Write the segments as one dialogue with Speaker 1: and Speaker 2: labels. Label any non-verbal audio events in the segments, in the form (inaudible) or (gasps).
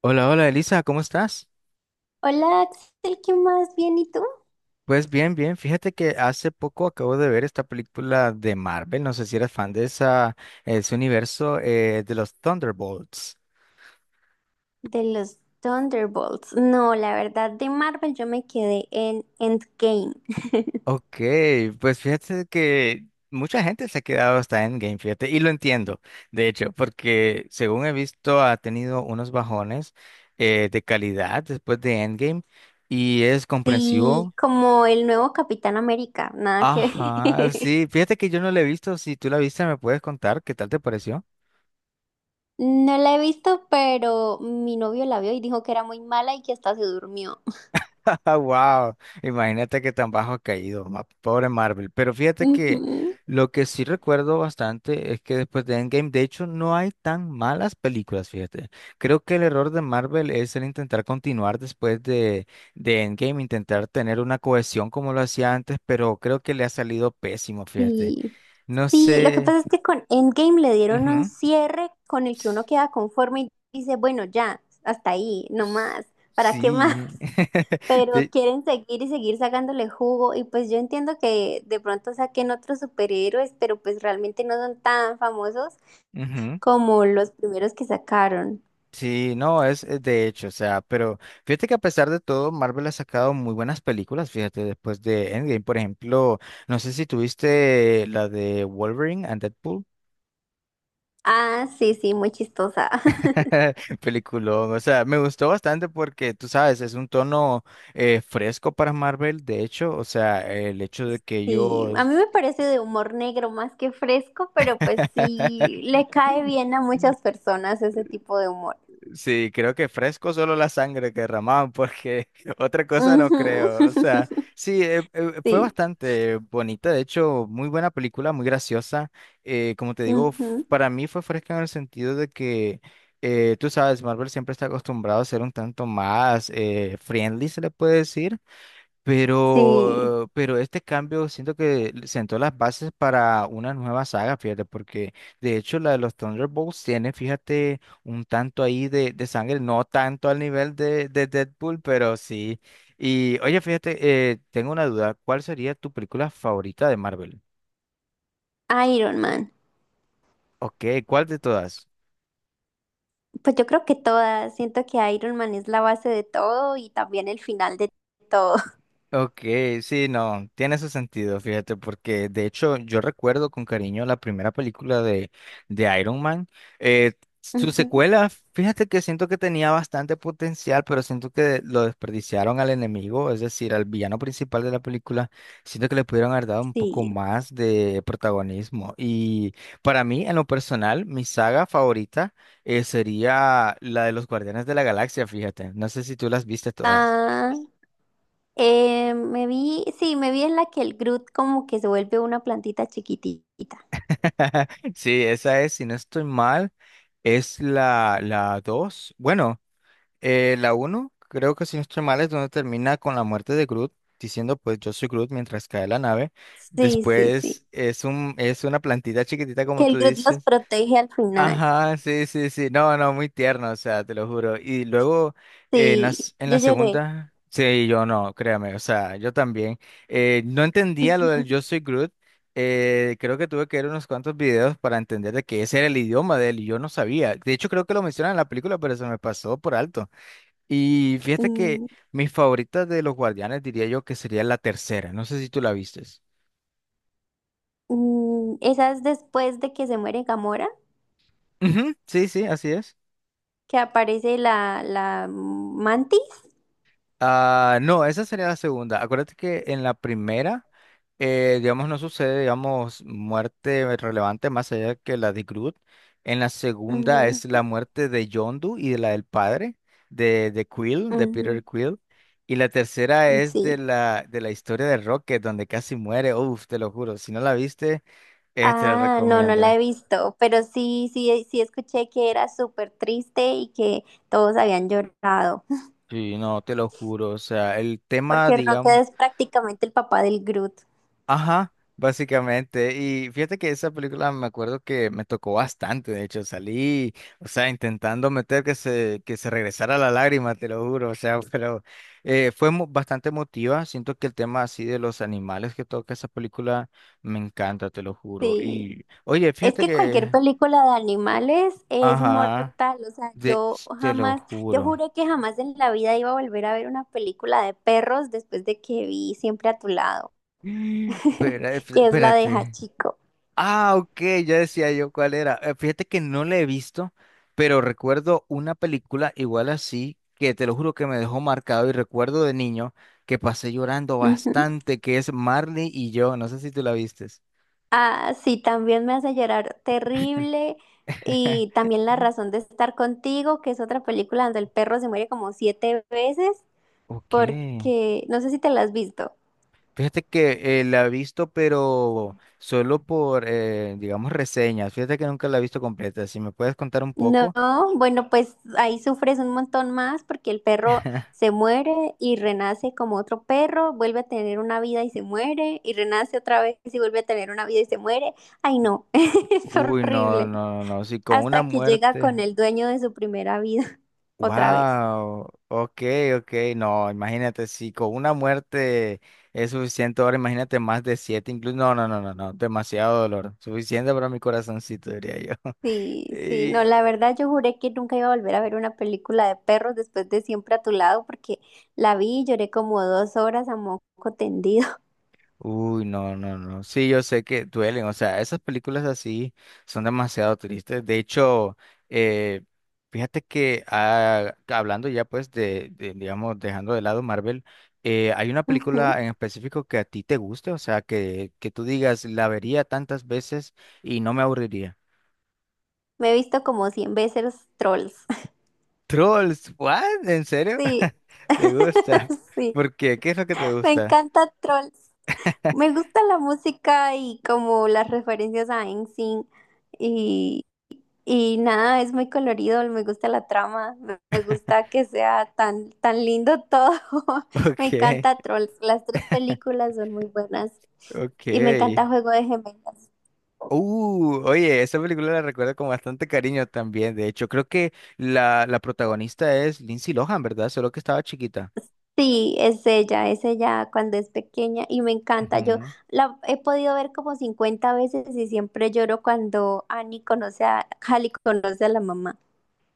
Speaker 1: Hola, hola Elisa, ¿cómo estás?
Speaker 2: Hola, Axel, ¿qué más? Bien, ¿y tú?
Speaker 1: Pues bien, bien. Fíjate que hace poco acabo de ver esta película de Marvel. No sé si eres fan de ese universo de los Thunderbolts.
Speaker 2: De los Thunderbolts. No, la verdad, de Marvel yo me quedé en Endgame. (laughs)
Speaker 1: Ok, pues fíjate que mucha gente se ha quedado hasta Endgame, fíjate, y lo entiendo, de hecho, porque según he visto ha tenido unos bajones de calidad después de Endgame y es
Speaker 2: Sí,
Speaker 1: comprensivo.
Speaker 2: como el nuevo Capitán América, nada que
Speaker 1: Ajá,
Speaker 2: ver.
Speaker 1: sí,
Speaker 2: (laughs)
Speaker 1: fíjate que yo no lo he visto. Si tú la viste, me puedes contar qué tal te pareció.
Speaker 2: No la he visto, pero mi novio la vio y dijo que era muy mala y que hasta se durmió.
Speaker 1: (laughs) Ah, wow. Imagínate que tan bajo ha caído, pobre Marvel. Pero
Speaker 2: (laughs)
Speaker 1: fíjate que
Speaker 2: Ujú.
Speaker 1: lo que sí recuerdo bastante es que después de Endgame, de hecho, no hay tan malas películas, fíjate. Creo que el error de Marvel es el intentar continuar de Endgame, intentar tener una cohesión como lo hacía antes, pero creo que le ha salido pésimo, fíjate.
Speaker 2: Sí.
Speaker 1: No
Speaker 2: Sí, lo que
Speaker 1: sé.
Speaker 2: pasa es que con Endgame le dieron un
Speaker 1: Ujú.
Speaker 2: cierre con el que uno
Speaker 1: S-
Speaker 2: queda conforme y dice, bueno, ya, hasta ahí, no
Speaker 1: s-
Speaker 2: más, ¿para qué más?
Speaker 1: Sí. (laughs)
Speaker 2: Pero
Speaker 1: De...
Speaker 2: quieren seguir y seguir sacándole jugo y pues yo entiendo que de pronto saquen otros superhéroes, pero pues realmente no son tan famosos
Speaker 1: Ujú.
Speaker 2: como los primeros que sacaron.
Speaker 1: Sí, no, es de hecho, o sea, pero fíjate que a pesar de todo, Marvel ha sacado muy buenas películas, fíjate, después de Endgame, por ejemplo, no sé si tuviste la de Wolverine and Deadpool,
Speaker 2: Ah, sí, sí, muy chistosa. (laughs)
Speaker 1: (laughs) peliculón, o sea, me gustó bastante porque, tú sabes, es un tono fresco para Marvel, de hecho, o sea, el hecho de que
Speaker 2: Sí, a
Speaker 1: ellos...
Speaker 2: mí me parece de humor negro más que fresco, pero pues sí,
Speaker 1: (laughs)
Speaker 2: le cae bien a muchas personas ese tipo de humor.
Speaker 1: Sí, creo que fresco solo la sangre que derramaban, porque (laughs) otra cosa no
Speaker 2: Ujú.
Speaker 1: creo. O sea, sí,
Speaker 2: (laughs)
Speaker 1: fue
Speaker 2: Sí,
Speaker 1: bastante bonita, de hecho, muy buena película, muy graciosa. Como te digo,
Speaker 2: ujú.
Speaker 1: para mí fue fresca en el sentido de que, tú sabes, Marvel siempre está acostumbrado a ser un tanto más friendly, se le puede decir.
Speaker 2: Sí,
Speaker 1: Pero este cambio siento que sentó las bases para una nueva saga, fíjate, porque de hecho la de los Thunderbolts tiene, fíjate, un tanto ahí de sangre, no tanto al nivel de Deadpool, pero sí. Y oye, fíjate, tengo una duda, ¿cuál sería tu película favorita de Marvel?
Speaker 2: Iron Man.
Speaker 1: Ok, ¿cuál de todas?
Speaker 2: Pues yo creo que todas, siento que Iron Man es la base de todo y también el final de todo.
Speaker 1: Ok, sí, no, tiene su sentido, fíjate, porque de hecho yo recuerdo con cariño la primera película de Iron Man. Eh,
Speaker 2: (laughs)
Speaker 1: su
Speaker 2: Ujú,
Speaker 1: secuela, fíjate que siento que tenía bastante potencial, pero siento que lo desperdiciaron al enemigo, es decir, al villano principal de la película. Siento que le pudieron haber dado un poco
Speaker 2: sí.
Speaker 1: más de protagonismo. Y para mí, en lo personal, mi saga favorita sería la de los Guardianes de la Galaxia, fíjate. No sé si tú las viste todas.
Speaker 2: Ah, me vi, sí, me vi en la que el Groot como que se vuelve una plantita chiquitita.
Speaker 1: (laughs) Sí, esa es, si no estoy mal, es la 2. Bueno, la uno. Creo que si no estoy mal, es donde termina con la muerte de Groot, diciendo pues yo soy Groot mientras cae la nave.
Speaker 2: Sí, sí, sí.
Speaker 1: Después es una plantita chiquitita, como
Speaker 2: Que el
Speaker 1: tú
Speaker 2: Groot los
Speaker 1: dices.
Speaker 2: protege al final.
Speaker 1: Ajá, sí, sí, sí. No, no, muy tierno, o sea, te lo juro. Y luego
Speaker 2: Sí,
Speaker 1: en la
Speaker 2: yo lloré.
Speaker 1: segunda, sí, yo no, créame, o sea, yo también. No entendía lo del Yo
Speaker 2: (laughs)
Speaker 1: soy Groot. Creo que tuve que ver unos cuantos videos para entender de que ese era el idioma de él y yo no sabía. De hecho, creo que lo mencionan en la película, pero se me pasó por alto. Y fíjate que
Speaker 2: Mm,
Speaker 1: mis favoritas de los Guardianes diría yo que sería la tercera. No sé si tú la vistes.
Speaker 2: mm, esa es después de que se muere Gamora,
Speaker 1: Ujú, sí, sí, así es.
Speaker 2: que aparece la mantis.
Speaker 1: Ah, no, esa sería la segunda. Acuérdate que en la primera, digamos, no sucede, digamos, muerte relevante más allá que la de Groot. En la segunda
Speaker 2: Ujú,
Speaker 1: es la muerte de Yondu y de la del padre, de Quill, de
Speaker 2: ujú,
Speaker 1: Peter Quill. Y la tercera es
Speaker 2: sí.
Speaker 1: de la historia de Rocket, donde casi muere. Uf, te lo juro, si no la viste, te la
Speaker 2: Ah, no, no
Speaker 1: recomiendo.
Speaker 2: la he visto, pero sí, sí, sí escuché que era súper triste y que todos habían llorado, (laughs)
Speaker 1: Sí, no, te lo juro. O sea, el tema,
Speaker 2: porque
Speaker 1: digamos.
Speaker 2: Rocket es prácticamente el papá del Groot.
Speaker 1: Ajá, básicamente. Y fíjate que esa película me acuerdo que me tocó bastante, de hecho, salí, o sea, intentando meter que se regresara la lágrima, te lo juro, o sea, (laughs) pero fue bastante emotiva. Siento que el tema así de los animales que toca esa película me encanta, te lo juro.
Speaker 2: Sí,
Speaker 1: Y, oye,
Speaker 2: es
Speaker 1: fíjate
Speaker 2: que cualquier
Speaker 1: que,
Speaker 2: película de animales es
Speaker 1: ajá,
Speaker 2: mortal, o sea,
Speaker 1: de,
Speaker 2: yo
Speaker 1: te lo
Speaker 2: jamás, yo
Speaker 1: juro.
Speaker 2: juré que jamás en la vida iba a volver a ver una película de perros después de que vi Siempre a tu lado,
Speaker 1: (gasps)
Speaker 2: (laughs) que es la de
Speaker 1: Espérate.
Speaker 2: Hachiko.
Speaker 1: Ah, ok, ya decía yo cuál era. Fíjate que no la he visto, pero recuerdo una película igual así, que te lo juro que me dejó marcado y recuerdo de niño que pasé llorando bastante, que es Marley y yo. No sé si tú la vistes.
Speaker 2: Ah, sí, también me hace llorar terrible. Y
Speaker 1: (laughs)
Speaker 2: también La razón de estar contigo, que es otra película donde el perro se muere como 7 veces,
Speaker 1: Ok.
Speaker 2: porque no sé si te la has visto.
Speaker 1: Fíjate que la he visto, pero solo por, digamos, reseñas. Fíjate que nunca la he visto completa. Si me puedes contar un
Speaker 2: No,
Speaker 1: poco.
Speaker 2: bueno, pues ahí sufres un montón más porque el perro
Speaker 1: (laughs)
Speaker 2: se muere y renace como otro perro, vuelve a tener una vida y se muere, y renace otra vez y vuelve a tener una vida y se muere. Ay, no, (laughs) es
Speaker 1: Uy, no,
Speaker 2: horrible.
Speaker 1: no, no, no. Si con una
Speaker 2: Hasta que llega
Speaker 1: muerte.
Speaker 2: con el dueño de su primera vida (laughs) otra vez.
Speaker 1: Wow, ok, ok, no, imagínate, si con una muerte es suficiente, ahora imagínate más de siete, incluso, no, no, no, no, no, demasiado dolor, suficiente para mi corazoncito, diría yo.
Speaker 2: Sí,
Speaker 1: (laughs)
Speaker 2: sí,
Speaker 1: Y,
Speaker 2: no, la verdad yo juré que nunca iba a volver a ver una película de perros después de Siempre a tu lado porque la vi y lloré como 2 horas a moco tendido.
Speaker 1: Uy, no, no, no. Sí, yo sé que duelen. O sea, esas películas así son demasiado tristes. De hecho, eh, fíjate que hablando ya pues digamos, dejando de lado Marvel, ¿hay una
Speaker 2: (laughs) Ujú.
Speaker 1: película en específico que a ti te guste? O sea, que tú digas, la vería tantas veces y no me aburriría.
Speaker 2: Me he visto como 100 veces los Trolls. (laughs)
Speaker 1: Trolls, ¿what? ¿En serio?
Speaker 2: Sí,
Speaker 1: (laughs) ¿Te gusta?
Speaker 2: (laughs) sí,
Speaker 1: ¿Por qué? ¿Qué es lo que te
Speaker 2: me
Speaker 1: gusta?
Speaker 2: encanta Trolls. Me
Speaker 1: (laughs)
Speaker 2: gusta la música y como las referencias a Einstein. Y nada, es muy colorido, me gusta la trama, me gusta que sea tan, tan lindo todo. (laughs) Me
Speaker 1: Ok,
Speaker 2: encanta Trolls, las 3 películas son muy buenas. Y me encanta
Speaker 1: ok.
Speaker 2: Juego de Gemelas.
Speaker 1: Oye, esa película la recuerdo con bastante cariño también. De hecho, creo que la protagonista es Lindsay Lohan, ¿verdad? Solo que estaba chiquita.
Speaker 2: Sí, es ella cuando es pequeña y me encanta. Yo
Speaker 1: Ujú.
Speaker 2: la he podido ver como 50 veces y siempre lloro cuando Annie conoce a, Hallie conoce a la mamá.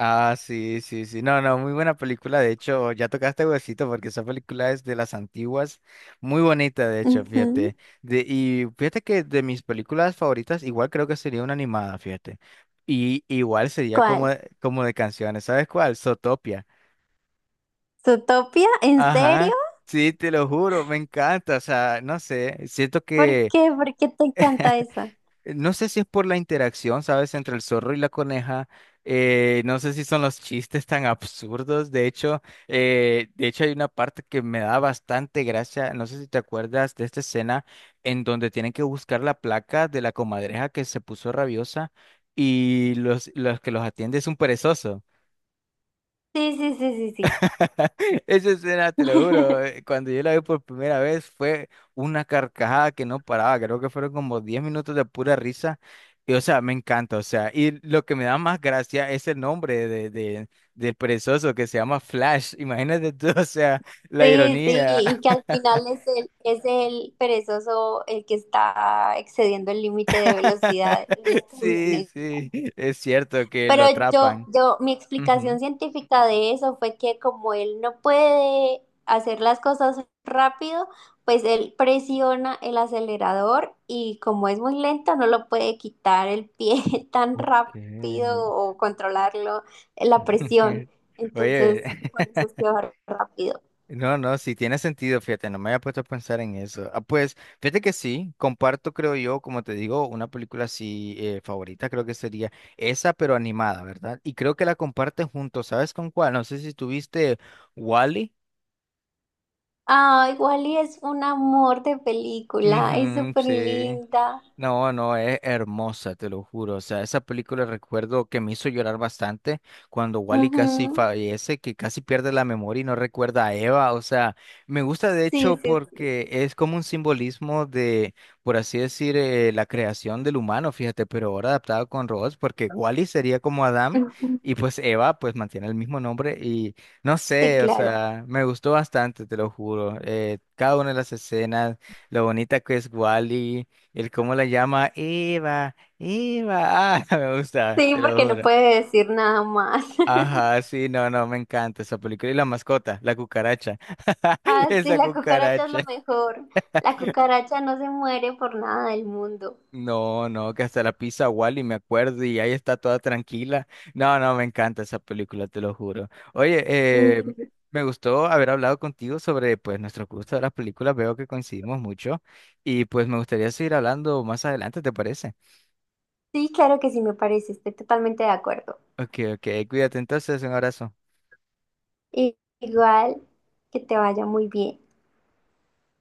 Speaker 1: Ah, sí, sí, sí. No, no, muy buena película. De hecho, ya tocaste huesito porque esa película es de las antiguas. Muy bonita, de hecho,
Speaker 2: Ujú.
Speaker 1: fíjate. Y fíjate que de mis películas favoritas, igual creo que sería una animada, fíjate. Y igual sería como,
Speaker 2: ¿Cuál?
Speaker 1: como de canciones. ¿Sabes cuál? Zootopia.
Speaker 2: ¿Zootopia? ¿En
Speaker 1: Ajá,
Speaker 2: serio?
Speaker 1: sí, te lo juro, me encanta, o sea, no sé, siento
Speaker 2: ¿Por
Speaker 1: que,
Speaker 2: qué? ¿Por qué te encanta
Speaker 1: (laughs)
Speaker 2: esa?
Speaker 1: no sé si es por la interacción, ¿sabes?, entre el zorro y la coneja, no sé si son los chistes tan absurdos, de hecho hay una parte que me da bastante gracia, no sé si te acuerdas de esta escena en donde tienen que buscar la placa de la comadreja que se puso rabiosa y los que los atiende es un perezoso.
Speaker 2: Sí, sí, sí, sí, sí.
Speaker 1: (laughs) Esa escena, te lo juro,
Speaker 2: (laughs)
Speaker 1: cuando yo la vi por primera vez fue una carcajada que no paraba, creo que fueron como 10 minutos de pura risa, y o sea, me encanta, o sea, y lo que me da más gracia es el nombre del perezoso que se llama Flash, (laughs) imagínate tú, o sea, la
Speaker 2: Sí, sí,
Speaker 1: ironía.
Speaker 2: y que al final es el perezoso el que está excediendo el límite de velocidad en la
Speaker 1: (laughs) Sí,
Speaker 2: camioneta.
Speaker 1: sí, es cierto que
Speaker 2: Pero
Speaker 1: lo
Speaker 2: yo,
Speaker 1: atrapan.
Speaker 2: yo, mi explicación
Speaker 1: Ujú.
Speaker 2: científica de eso fue que como él no puede hacer las cosas rápido, pues él presiona el acelerador y como es muy lento, no lo puede quitar el pie (laughs) tan
Speaker 1: Ok.
Speaker 2: rápido o controlarlo, la presión.
Speaker 1: (laughs) Oye.
Speaker 2: Entonces, por
Speaker 1: (laughs)
Speaker 2: eso es que va rápido.
Speaker 1: No, no, sí tiene sentido, fíjate, no me había puesto a pensar en eso. Ah, pues, fíjate que sí, comparto, creo yo, como te digo, una película así favorita, creo que sería esa, pero animada, ¿verdad? Y creo que la comparten juntos, ¿sabes con cuál? No sé si tuviste Wally.
Speaker 2: Ay, Wally es un amor de película, es
Speaker 1: Ujú,
Speaker 2: súper
Speaker 1: sí.
Speaker 2: linda.
Speaker 1: No, no, es hermosa, te lo juro. O sea, esa película recuerdo que me hizo llorar bastante cuando Wally
Speaker 2: Ujú,
Speaker 1: casi fallece, que casi pierde la memoria y no recuerda a Eva. O sea, me gusta de hecho
Speaker 2: sí, sí, sí.
Speaker 1: porque es como un simbolismo de, por así decir, la creación del humano, fíjate, pero ahora adaptado con robots, porque Wally sería como Adam y
Speaker 2: Ujú,
Speaker 1: pues Eva pues mantiene el mismo nombre y no
Speaker 2: sí,
Speaker 1: sé, o
Speaker 2: claro.
Speaker 1: sea, me gustó bastante, te lo juro. Cada una de las escenas, lo bonita que es Wally. El cómo la llama Eva, Eva, ah, (laughs) me gusta,
Speaker 2: Sí,
Speaker 1: te lo
Speaker 2: porque no
Speaker 1: juro.
Speaker 2: puede decir nada más. (laughs)
Speaker 1: Ajá, sí, no, no, me encanta esa película. Y la mascota, la cucaracha. (laughs)
Speaker 2: Ah, sí,
Speaker 1: Esa
Speaker 2: la cucaracha es
Speaker 1: cucaracha.
Speaker 2: lo mejor. La cucaracha no se muere por nada del mundo.
Speaker 1: No, no, que hasta la pizza Wally, me acuerdo, y ahí está toda tranquila. No, no, me encanta esa película, te lo juro. Oye, eh,
Speaker 2: Ujú.
Speaker 1: me gustó haber hablado contigo sobre, pues, nuestro gusto de las películas. Veo que coincidimos mucho y, pues, me gustaría seguir hablando más adelante, ¿te parece?
Speaker 2: Sí, claro que sí, me parece, estoy totalmente de acuerdo.
Speaker 1: Ok, ok, cuídate entonces, un abrazo.
Speaker 2: Y- igual, que te vaya muy bien.